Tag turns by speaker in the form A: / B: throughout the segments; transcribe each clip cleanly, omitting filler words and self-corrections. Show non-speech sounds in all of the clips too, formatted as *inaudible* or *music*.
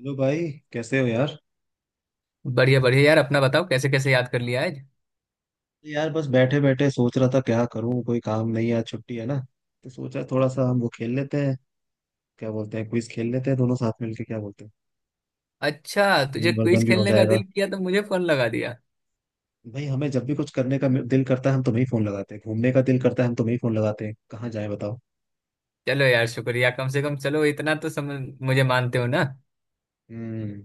A: Hello भाई। कैसे हो यार?
B: बढ़िया बढ़िया यार, अपना बताओ। कैसे कैसे याद कर लिया आज?
A: यार बस बैठे बैठे सोच रहा था क्या करूं, कोई काम नहीं है, आज छुट्टी है ना। तो सोचा थोड़ा सा हम वो खेल लेते हैं, क्या बोलते हैं, क्विज खेल लेते हैं दोनों साथ मिलके, क्या बोलते हैं।
B: अच्छा, तुझे
A: ज्ञान वर्धन
B: क्विज
A: भी हो
B: खेलने का
A: जाएगा।
B: दिल किया तो मुझे फोन लगा दिया।
A: भाई हमें जब भी कुछ करने का दिल करता है हम तुम्हें ही फोन लगाते हैं, घूमने का दिल करता है हम तुम्हें ही फोन लगाते हैं, कहाँ जाए बताओ।
B: चलो यार, शुक्रिया। कम से कम चलो इतना तो समझ, मुझे मानते हो ना।
A: हम्म।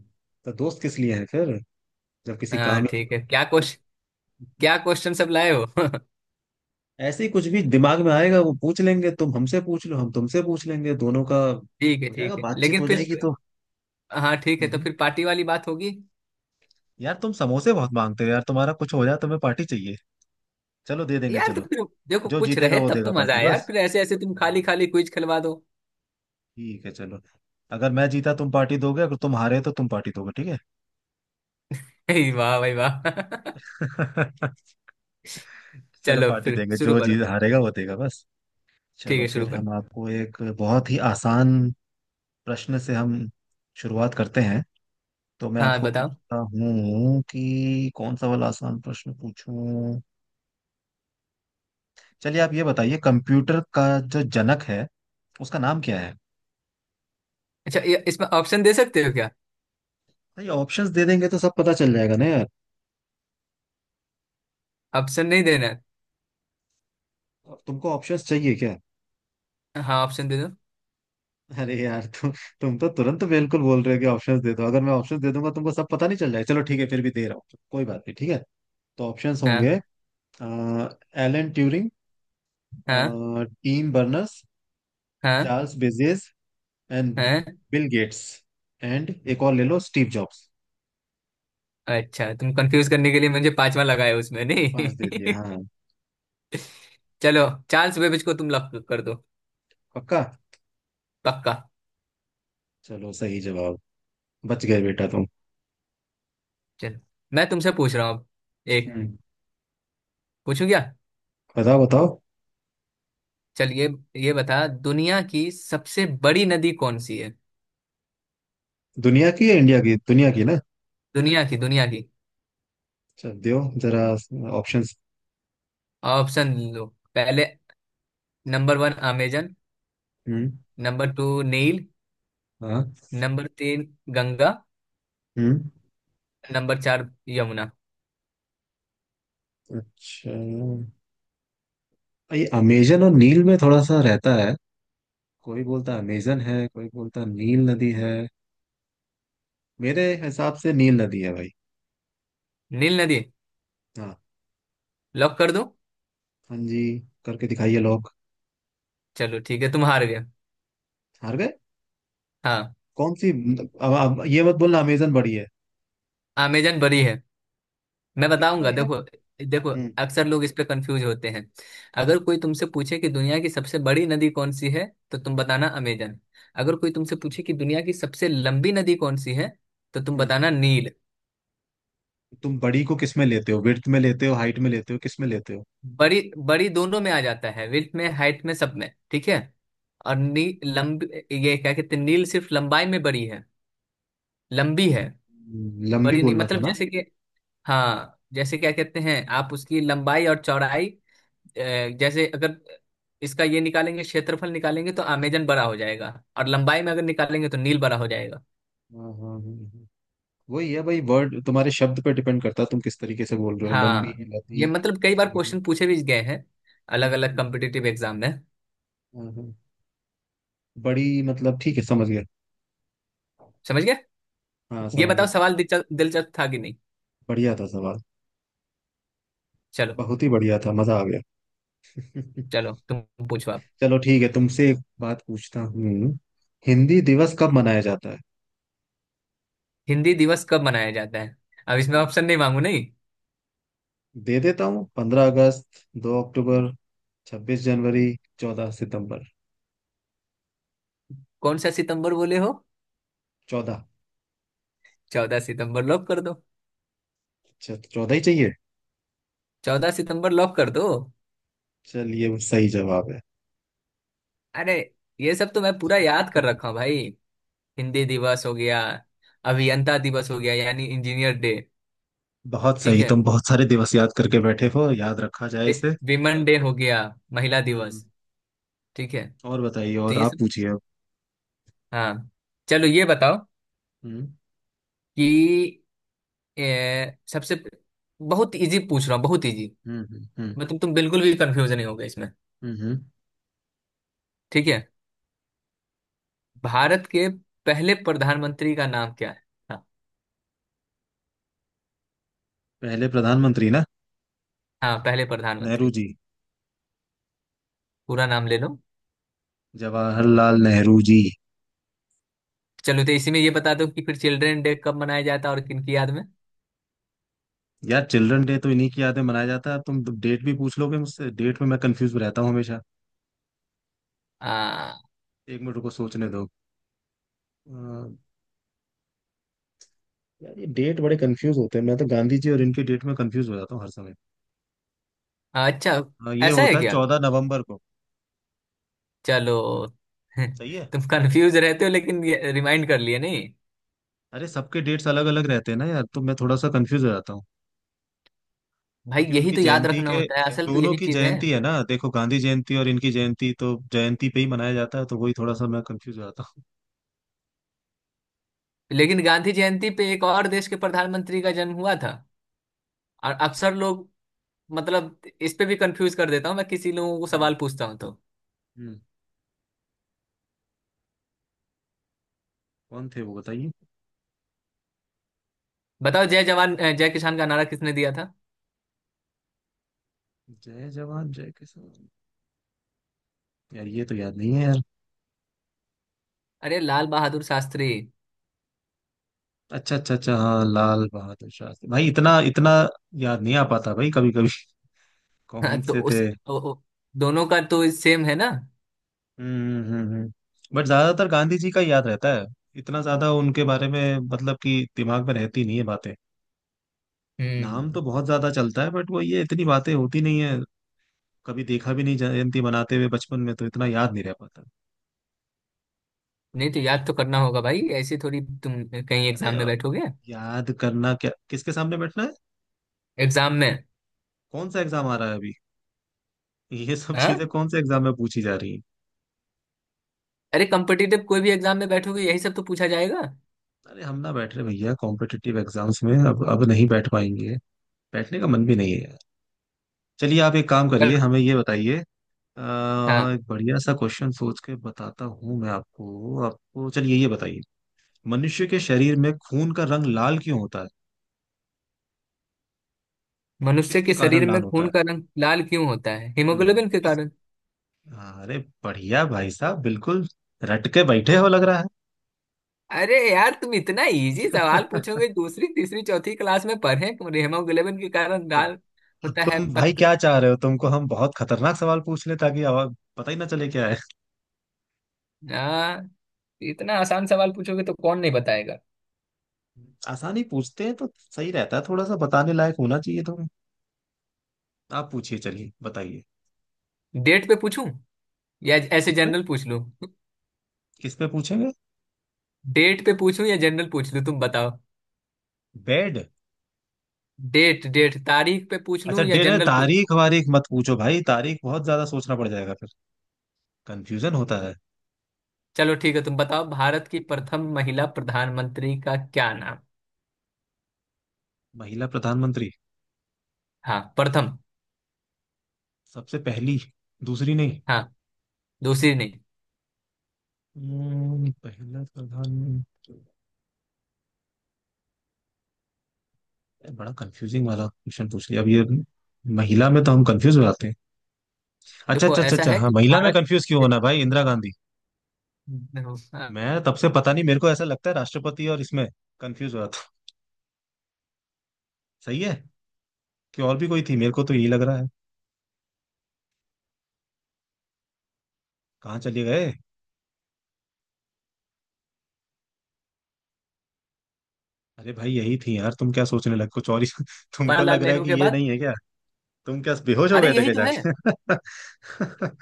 A: तो दोस्त किस लिए हैं फिर, जब किसी
B: हाँ
A: काम ही नहीं
B: ठीक है। क्या क्वेश्चन,
A: होगा।
B: क्या
A: *laughs*
B: क्वेश्चन सब लाए हो। *laughs*
A: ऐसे ही कुछ भी दिमाग में आएगा वो पूछ लेंगे, तुम हमसे पूछ लो हम तुमसे पूछ लेंगे, दोनों का
B: ठीक है
A: हो जाएगा,
B: ठीक है,
A: बातचीत
B: लेकिन
A: हो
B: फिर
A: जाएगी।
B: हाँ ठीक है तो
A: तो
B: फिर पार्टी वाली बात होगी।
A: यार तुम समोसे बहुत मांगते हो यार, तुम्हारा कुछ हो जाए तुम्हें पार्टी चाहिए। चलो दे देंगे
B: यार तो
A: चलो।
B: फिर देखो
A: जो
B: कुछ
A: जीतेगा
B: रहे
A: वो
B: तब तो
A: देगा
B: मजा
A: पार्टी
B: आया यार,
A: बस।
B: फिर ऐसे ऐसे तुम
A: हम्म।
B: खाली खाली क्विज खिलवा दो।
A: ठीक है चलो। अगर मैं जीता तुम पार्टी दोगे, अगर तुम हारे तो तुम पार्टी दोगे, ठीक है।
B: *laughs* हे वाह भाई वाह।
A: *laughs*
B: *laughs*
A: चलो
B: चलो
A: पार्टी
B: फिर
A: देंगे,
B: शुरू
A: जो जीत
B: करो।
A: हारेगा वो देगा बस।
B: ठीक
A: चलो
B: है शुरू
A: फिर
B: करो।
A: हम आपको एक बहुत ही आसान प्रश्न से हम शुरुआत करते हैं। तो मैं
B: हाँ
A: आपको
B: बताओ।
A: पूछता हूँ कि कौन सा वाला आसान प्रश्न पूछूं। चलिए आप ये बताइए, कंप्यूटर का जो जनक है उसका नाम क्या है?
B: अच्छा, ये इसमें ऑप्शन दे सकते हो क्या?
A: नहीं, ऑप्शंस दे देंगे तो सब पता चल जाएगा ना यार।
B: ऑप्शन नहीं देना है?
A: तुमको ऑप्शंस चाहिए क्या?
B: हाँ ऑप्शन दे दो।
A: अरे यार तुम तो तुरंत बिल्कुल बोल रहे हो कि ऑप्शंस दे दो, अगर मैं ऑप्शंस दे दूंगा तुमको सब पता नहीं चल जाएगा? चलो ठीक है फिर भी दे रहा हूँ, कोई बात नहीं, ठीक है। तो ऑप्शंस होंगे।
B: हाँ
A: एलन ट्यूरिंग।
B: हाँ
A: टीम बर्नर्स।
B: हाँ
A: चार्ल्स बेजेस। एंड
B: हाँ।
A: Bill Gates. एंड एक और ले लो, स्टीव जॉब्स।
B: अच्छा तुम कंफ्यूज करने के लिए मुझे पांचवा लगाया उसमें नहीं।
A: पांच दे दिए हाँ।
B: *laughs* चलो चार्ल्स बेबेज को तुम लॉक कर दो।
A: पक्का।
B: पक्का।
A: चलो सही जवाब। बच गए बेटा तुम।
B: चलो। मैं तुमसे पूछ रहा हूँ अब। एक
A: हम्म।
B: पूछूं क्या?
A: बताओ बताओ।
B: चल ये बता, दुनिया की सबसे बड़ी नदी कौन सी है?
A: दुनिया की या इंडिया की? दुनिया की ना।
B: दुनिया की दुनिया की।
A: अच्छा दियो जरा ऑप्शंस।
B: ऑप्शन लो। पहले नंबर वन अमेजन।
A: हम्म।
B: नंबर टू नील।
A: हाँ।
B: नंबर तीन गंगा।
A: हम्म।
B: नंबर चार यमुना।
A: अच्छा ये अमेजन और नील में थोड़ा सा रहता है, कोई बोलता अमेजन है कोई बोलता नील नदी है। मेरे हिसाब से नील नदी है भाई।
B: नील नदी
A: हाँ।
B: लॉक कर दो।
A: हाँ जी। करके दिखाइए लोग।
B: चलो ठीक है तुम हार गए।
A: हार गए।
B: हाँ।
A: कौन सी? अब ये मत बोलना अमेजन बड़ी है।
B: अमेजन बड़ी है। मैं
A: कितना
B: बताऊंगा
A: यार।
B: देखो। देखो,
A: हम्म।
B: अक्सर लोग इस पे कंफ्यूज होते हैं। अगर
A: हम्म।
B: कोई तुमसे पूछे कि दुनिया की सबसे बड़ी नदी कौन सी है, तो तुम बताना अमेजन। अगर कोई तुमसे पूछे कि दुनिया की सबसे लंबी नदी कौन सी है, तो तुम
A: हम्म।
B: बताना नील।
A: तुम बड़ी को किस में लेते हो? विड्थ में लेते हो, हाइट में लेते हो, किस में लेते हो?
B: बड़ी बड़ी दोनों में आ जाता है, विड्थ में हाइट में सब में, ठीक है। और
A: अच्छा।
B: नी लंबी ये क्या कहते हैं, नील सिर्फ लंबाई में बड़ी है, लंबी है।
A: लंबी
B: बड़ी नहीं,
A: बोलना था
B: मतलब
A: ना।
B: जैसे कि हाँ, जैसे क्या कहते हैं आप उसकी लंबाई और चौड़ाई। अ, जैसे अगर इसका ये निकालेंगे, क्षेत्रफल निकालेंगे तो अमेजन बड़ा हो जाएगा। और लंबाई में अगर निकालेंगे तो नील बड़ा हो जाएगा।
A: हाँ हाँ हाँ। वही है भाई, वर्ड तुम्हारे शब्द पर डिपेंड करता है, तुम किस तरीके से बोल रहे हो, लंबी
B: हाँ ये
A: लदी कि
B: मतलब कई
A: कैसे
B: बार
A: लदी।
B: क्वेश्चन पूछे भी गए हैं
A: हम्म।
B: अलग अलग
A: हम्म।
B: कॉम्पिटिटिव एग्जाम में।
A: हम्म। हम्म। बड़ी मतलब ठीक है, समझ गया।
B: समझ गए?
A: हाँ
B: ये
A: समझ
B: बताओ
A: गया।
B: सवाल दिलचस्प दिलचस्प था कि नहीं।
A: बढ़िया था सवाल।
B: चलो।
A: बहुत ही बढ़िया था, मजा आ गया।
B: चलो
A: *laughs*
B: तुम पूछो आप।
A: चलो ठीक है, तुमसे एक बात पूछता हूँ। हिंदी दिवस कब मनाया जाता है?
B: हिंदी दिवस कब मनाया जाता है? अब इसमें
A: हम्म।
B: ऑप्शन नहीं मांगू नहीं।
A: दे देता हूँ। 15 अगस्त। 2 अक्टूबर। 26 जनवरी। 14 सितंबर।
B: कौन सा सितंबर बोले हो?
A: चौदह।
B: चौदह सितंबर लॉक कर दो।
A: चौदह ही चाहिए।
B: चौदह सितंबर लॉक कर दो।
A: चलिए वो सही जवाब
B: अरे ये सब तो मैं पूरा याद
A: है।
B: कर रखा
A: *laughs*
B: हूँ भाई। हिंदी दिवस हो गया, अभियंता दिवस हो गया यानी इंजीनियर डे।
A: बहुत
B: ठीक
A: सही,
B: है।
A: तुम बहुत सारे दिवस याद करके बैठे हो, याद रखा जाए इसे।
B: विमेन डे हो गया, महिला
A: हम्म।
B: दिवस। ठीक है
A: और बताइए,
B: तो
A: और
B: ये
A: आप
B: सब।
A: पूछिए अब।
B: हाँ चलो ये बताओ
A: हम्म।
B: कि सबसे बहुत इजी पूछ रहा हूँ, बहुत इजी।
A: हम्म। हम्म। हम्म।
B: मैं तुम बिल्कुल भी कंफ्यूज नहीं होगे इसमें।
A: हम्म। हम्म।
B: ठीक है। भारत के पहले प्रधानमंत्री का नाम क्या है? हाँ।
A: पहले प्रधानमंत्री ना।
B: हाँ पहले
A: नेहरू
B: प्रधानमंत्री।
A: जी।
B: पूरा नाम ले लो।
A: जवाहरलाल नेहरू जी।
B: चलो तो इसी में ये बता दो कि फिर चिल्ड्रन डे कब मनाया जाता है और किन की याद में।
A: यार चिल्ड्रन डे तो इन्हीं की यादें मनाया जाता है, तुम डेट भी पूछ लोगे मुझसे, डेट में मैं कंफ्यूज रहता हूँ हमेशा।
B: आ,
A: एक मिनट को सोचने दो। अ, यार ये डेट बड़े कंफ्यूज होते हैं, मैं तो गांधी जी और इनके डेट में कंफ्यूज हो जाता हूँ हर समय।
B: अच्छा
A: हाँ, ये
B: ऐसा है
A: होता है
B: क्या।
A: 14 नवंबर को।
B: चलो। *laughs*
A: सही है।
B: तुम कंफ्यूज रहते हो लेकिन रिमाइंड कर लिए नहीं।
A: अरे सबके डेट्स अलग अलग रहते हैं ना यार, तो मैं थोड़ा सा कंफ्यूज हो जाता हूँ।
B: भाई
A: कि
B: यही
A: उनकी
B: तो याद
A: जयंती
B: रखना
A: के,
B: होता है, असल तो
A: दोनों
B: यही
A: की
B: चीज है।
A: जयंती है ना देखो, गांधी जयंती और इनकी जयंती, तो जयंती पे ही मनाया जाता है, तो वही थोड़ा सा मैं कंफ्यूज हो जाता हूँ।
B: लेकिन गांधी जयंती पे एक और देश के प्रधानमंत्री का जन्म हुआ था। और अक्सर लोग मतलब इस पे भी कंफ्यूज कर देता हूँ मैं, किसी लोगों को
A: हम्म।
B: सवाल पूछता हूँ तो
A: हम्म। कौन थे वो बताइए।
B: बताओ जय जवान जय किसान का नारा किसने दिया था?
A: जय जवान जय किसान। यार ये तो याद नहीं है यार।
B: अरे लाल बहादुर शास्त्री।
A: अच्छा अच्छा अच्छा हाँ लाल बहादुर शास्त्री भाई, इतना इतना याद नहीं आ पाता भाई कभी कभी। *laughs* कौन
B: *laughs* तो
A: से थे?
B: उस ओ, ओ, दोनों का तो सेम है ना।
A: हम्म। हम्म। हम्म। हम्म। बट ज्यादातर गांधी जी का याद रहता है, इतना ज्यादा उनके बारे में मतलब कि दिमाग में रहती नहीं है बातें। नाम
B: हम्म।
A: तो बहुत ज्यादा चलता है बट वो ये इतनी बातें होती नहीं है, कभी देखा भी नहीं जयंती मनाते हुए बचपन में तो इतना याद नहीं रह पाता।
B: नहीं तो याद तो करना होगा भाई, ऐसे थोड़ी तुम कहीं
A: अरे
B: एग्जाम में
A: अब
B: बैठोगे।
A: याद करना क्या, किसके सामने बैठना है?
B: एग्जाम में।
A: कौन सा एग्जाम आ रहा है अभी? ये सब
B: हाँ?
A: चीजें कौन से एग्जाम में पूछी जा रही है?
B: अरे कॉम्पिटिटिव कोई भी एग्जाम में बैठोगे यही सब तो पूछा जाएगा।
A: अरे हम ना बैठ रहे भैया कॉम्पिटिटिव एग्जाम्स में, अब नहीं बैठ पाएंगे, बैठने का मन भी नहीं है यार। चलिए आप एक काम करिए,
B: पर
A: हमें ये बताइए।
B: हाँ
A: एक बढ़िया सा क्वेश्चन सोच के बताता हूँ मैं आपको, आपको चलिए ये बताइए। मनुष्य के शरीर में खून का रंग लाल क्यों होता है?
B: मनुष्य
A: किसके
B: के
A: कारण
B: शरीर में
A: लाल होता
B: खून
A: है?
B: का रंग लाल क्यों होता है?
A: हम्म।
B: हीमोग्लोबिन के कारण।
A: अरे बढ़िया भाई साहब, बिल्कुल रट के बैठे हो लग रहा
B: अरे यार तुम इतना इजी सवाल
A: है। *laughs*
B: पूछोगे, दूसरी तीसरी चौथी क्लास में पढ़े। हीमोग्लोबिन के कारण
A: तो
B: लाल होता है
A: तुम भाई
B: पत्त
A: क्या चाह रहे हो, तुमको हम बहुत खतरनाक सवाल पूछ ले ताकि आवाज पता ही ना चले क्या है?
B: हाँ इतना आसान सवाल पूछोगे तो कौन नहीं बताएगा।
A: *laughs* आसानी पूछते हैं तो सही रहता है, थोड़ा सा बताने लायक होना चाहिए तुम। आप पूछिए, चलिए बताइए।
B: डेट पे पूछूं या ऐसे
A: किस पे?
B: जनरल पूछ लूं?
A: किस पे पूछेंगे?
B: डेट पे पूछूं या जनरल पूछ लूं तुम बताओ।
A: बेड।
B: डेट डेट तारीख पे पूछ
A: अच्छा
B: लूं या
A: डिनर
B: जनरल पूछ।
A: तारीख वारीख मत पूछो भाई, तारीख बहुत ज्यादा सोचना पड़ जाएगा फिर, कंफ्यूजन होता है।
B: चलो ठीक है तुम बताओ भारत की प्रथम महिला प्रधानमंत्री का क्या नाम।
A: महिला प्रधानमंत्री।
B: हाँ प्रथम।
A: सबसे पहली। दूसरी नहीं।
B: हाँ दूसरी नहीं।
A: पहला प्रधानमंत्री। बड़ा कंफ्यूजिंग वाला क्वेश्चन पूछ लिया अब ये। महिला में तो हम कंफ्यूज हो जाते हैं। अच्छा
B: देखो
A: अच्छा अच्छा
B: ऐसा
A: अच्छा
B: है
A: हाँ,
B: कि
A: महिला में
B: तुम्हारा
A: कंफ्यूज क्यों होना, भाई इंदिरा गांधी।
B: हाँ,
A: मैं तब से पता नहीं, मेरे को ऐसा लगता है राष्ट्रपति और इसमें कंफ्यूज हो रहा था। सही है। कि और भी कोई थी, मेरे को तो यही लग रहा है, कहाँ चले गए। अरे भाई यही थी यार, तुम क्या सोचने लगे कुछ और ही। *laughs* तुमको
B: जवाहरलाल
A: लग रहा है
B: नेहरू
A: कि
B: के
A: ये
B: बाद
A: नहीं है क्या? तुम क्या बेहोश हो
B: अरे
A: गए थे
B: यही
A: क्या
B: तो है।
A: जाके?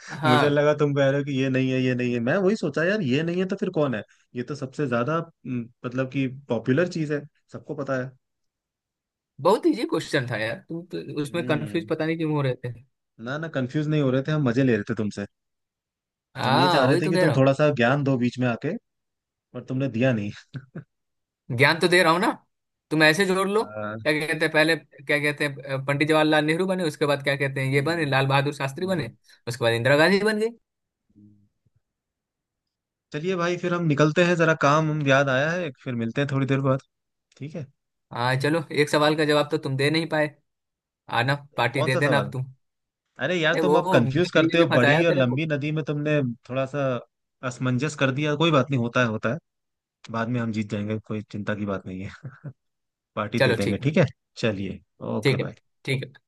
A: *laughs* मुझे
B: हाँ।
A: लगा तुम कह रहे हो कि ये नहीं है ये नहीं है, मैं वही सोचा यार ये नहीं है तो फिर कौन है। ये तो सबसे ज्यादा मतलब कि पॉपुलर चीज है, सबको पता है।
B: बहुत इजी क्वेश्चन था यार, तुम तो उसमें कंफ्यूज
A: हम्म।
B: पता नहीं क्यों हो रहे थे।
A: ना ना कंफ्यूज नहीं हो रहे थे, हम मजे ले रहे थे तुमसे। हम ये
B: हाँ
A: चाह रहे
B: वही
A: थे
B: तो
A: कि
B: कह
A: तुम
B: रहा
A: थोड़ा सा ज्ञान दो बीच में आके, पर तुमने दिया नहीं।
B: हूँ। ज्ञान तो दे रहा हूँ ना। तुम ऐसे जोड़ लो,
A: हाँ।
B: क्या कहते हैं, पहले क्या कहते हैं पंडित जवाहरलाल नेहरू बने, उसके बाद क्या कहते हैं ये बने
A: हम्म।
B: लाल बहादुर शास्त्री बने,
A: हम्म।
B: उसके बाद इंदिरा गांधी बन गई।
A: हम्म। चलिए भाई फिर हम निकलते हैं जरा, काम हम याद आया है, फिर मिलते हैं थोड़ी देर बाद, ठीक है।
B: हाँ चलो एक सवाल का जवाब तो तुम दे नहीं पाए, आना पार्टी
A: कौन
B: दे
A: सा
B: देना
A: सवाल?
B: अब तुम।
A: अरे यार
B: अरे वो
A: तुम अब कंफ्यूज
B: गधे
A: करते
B: ने
A: हो
B: जो
A: बड़ी
B: फंसाया
A: और
B: तेरे को।
A: लंबी नदी में, तुमने थोड़ा सा असमंजस कर दिया, कोई बात नहीं, होता है होता है, बाद में हम जीत जाएंगे, कोई चिंता की बात नहीं है, पार्टी दे
B: चलो
A: देंगे
B: ठीक
A: ठीक है। चलिए। ओके
B: ठीक है।
A: बाय।
B: ठीक है।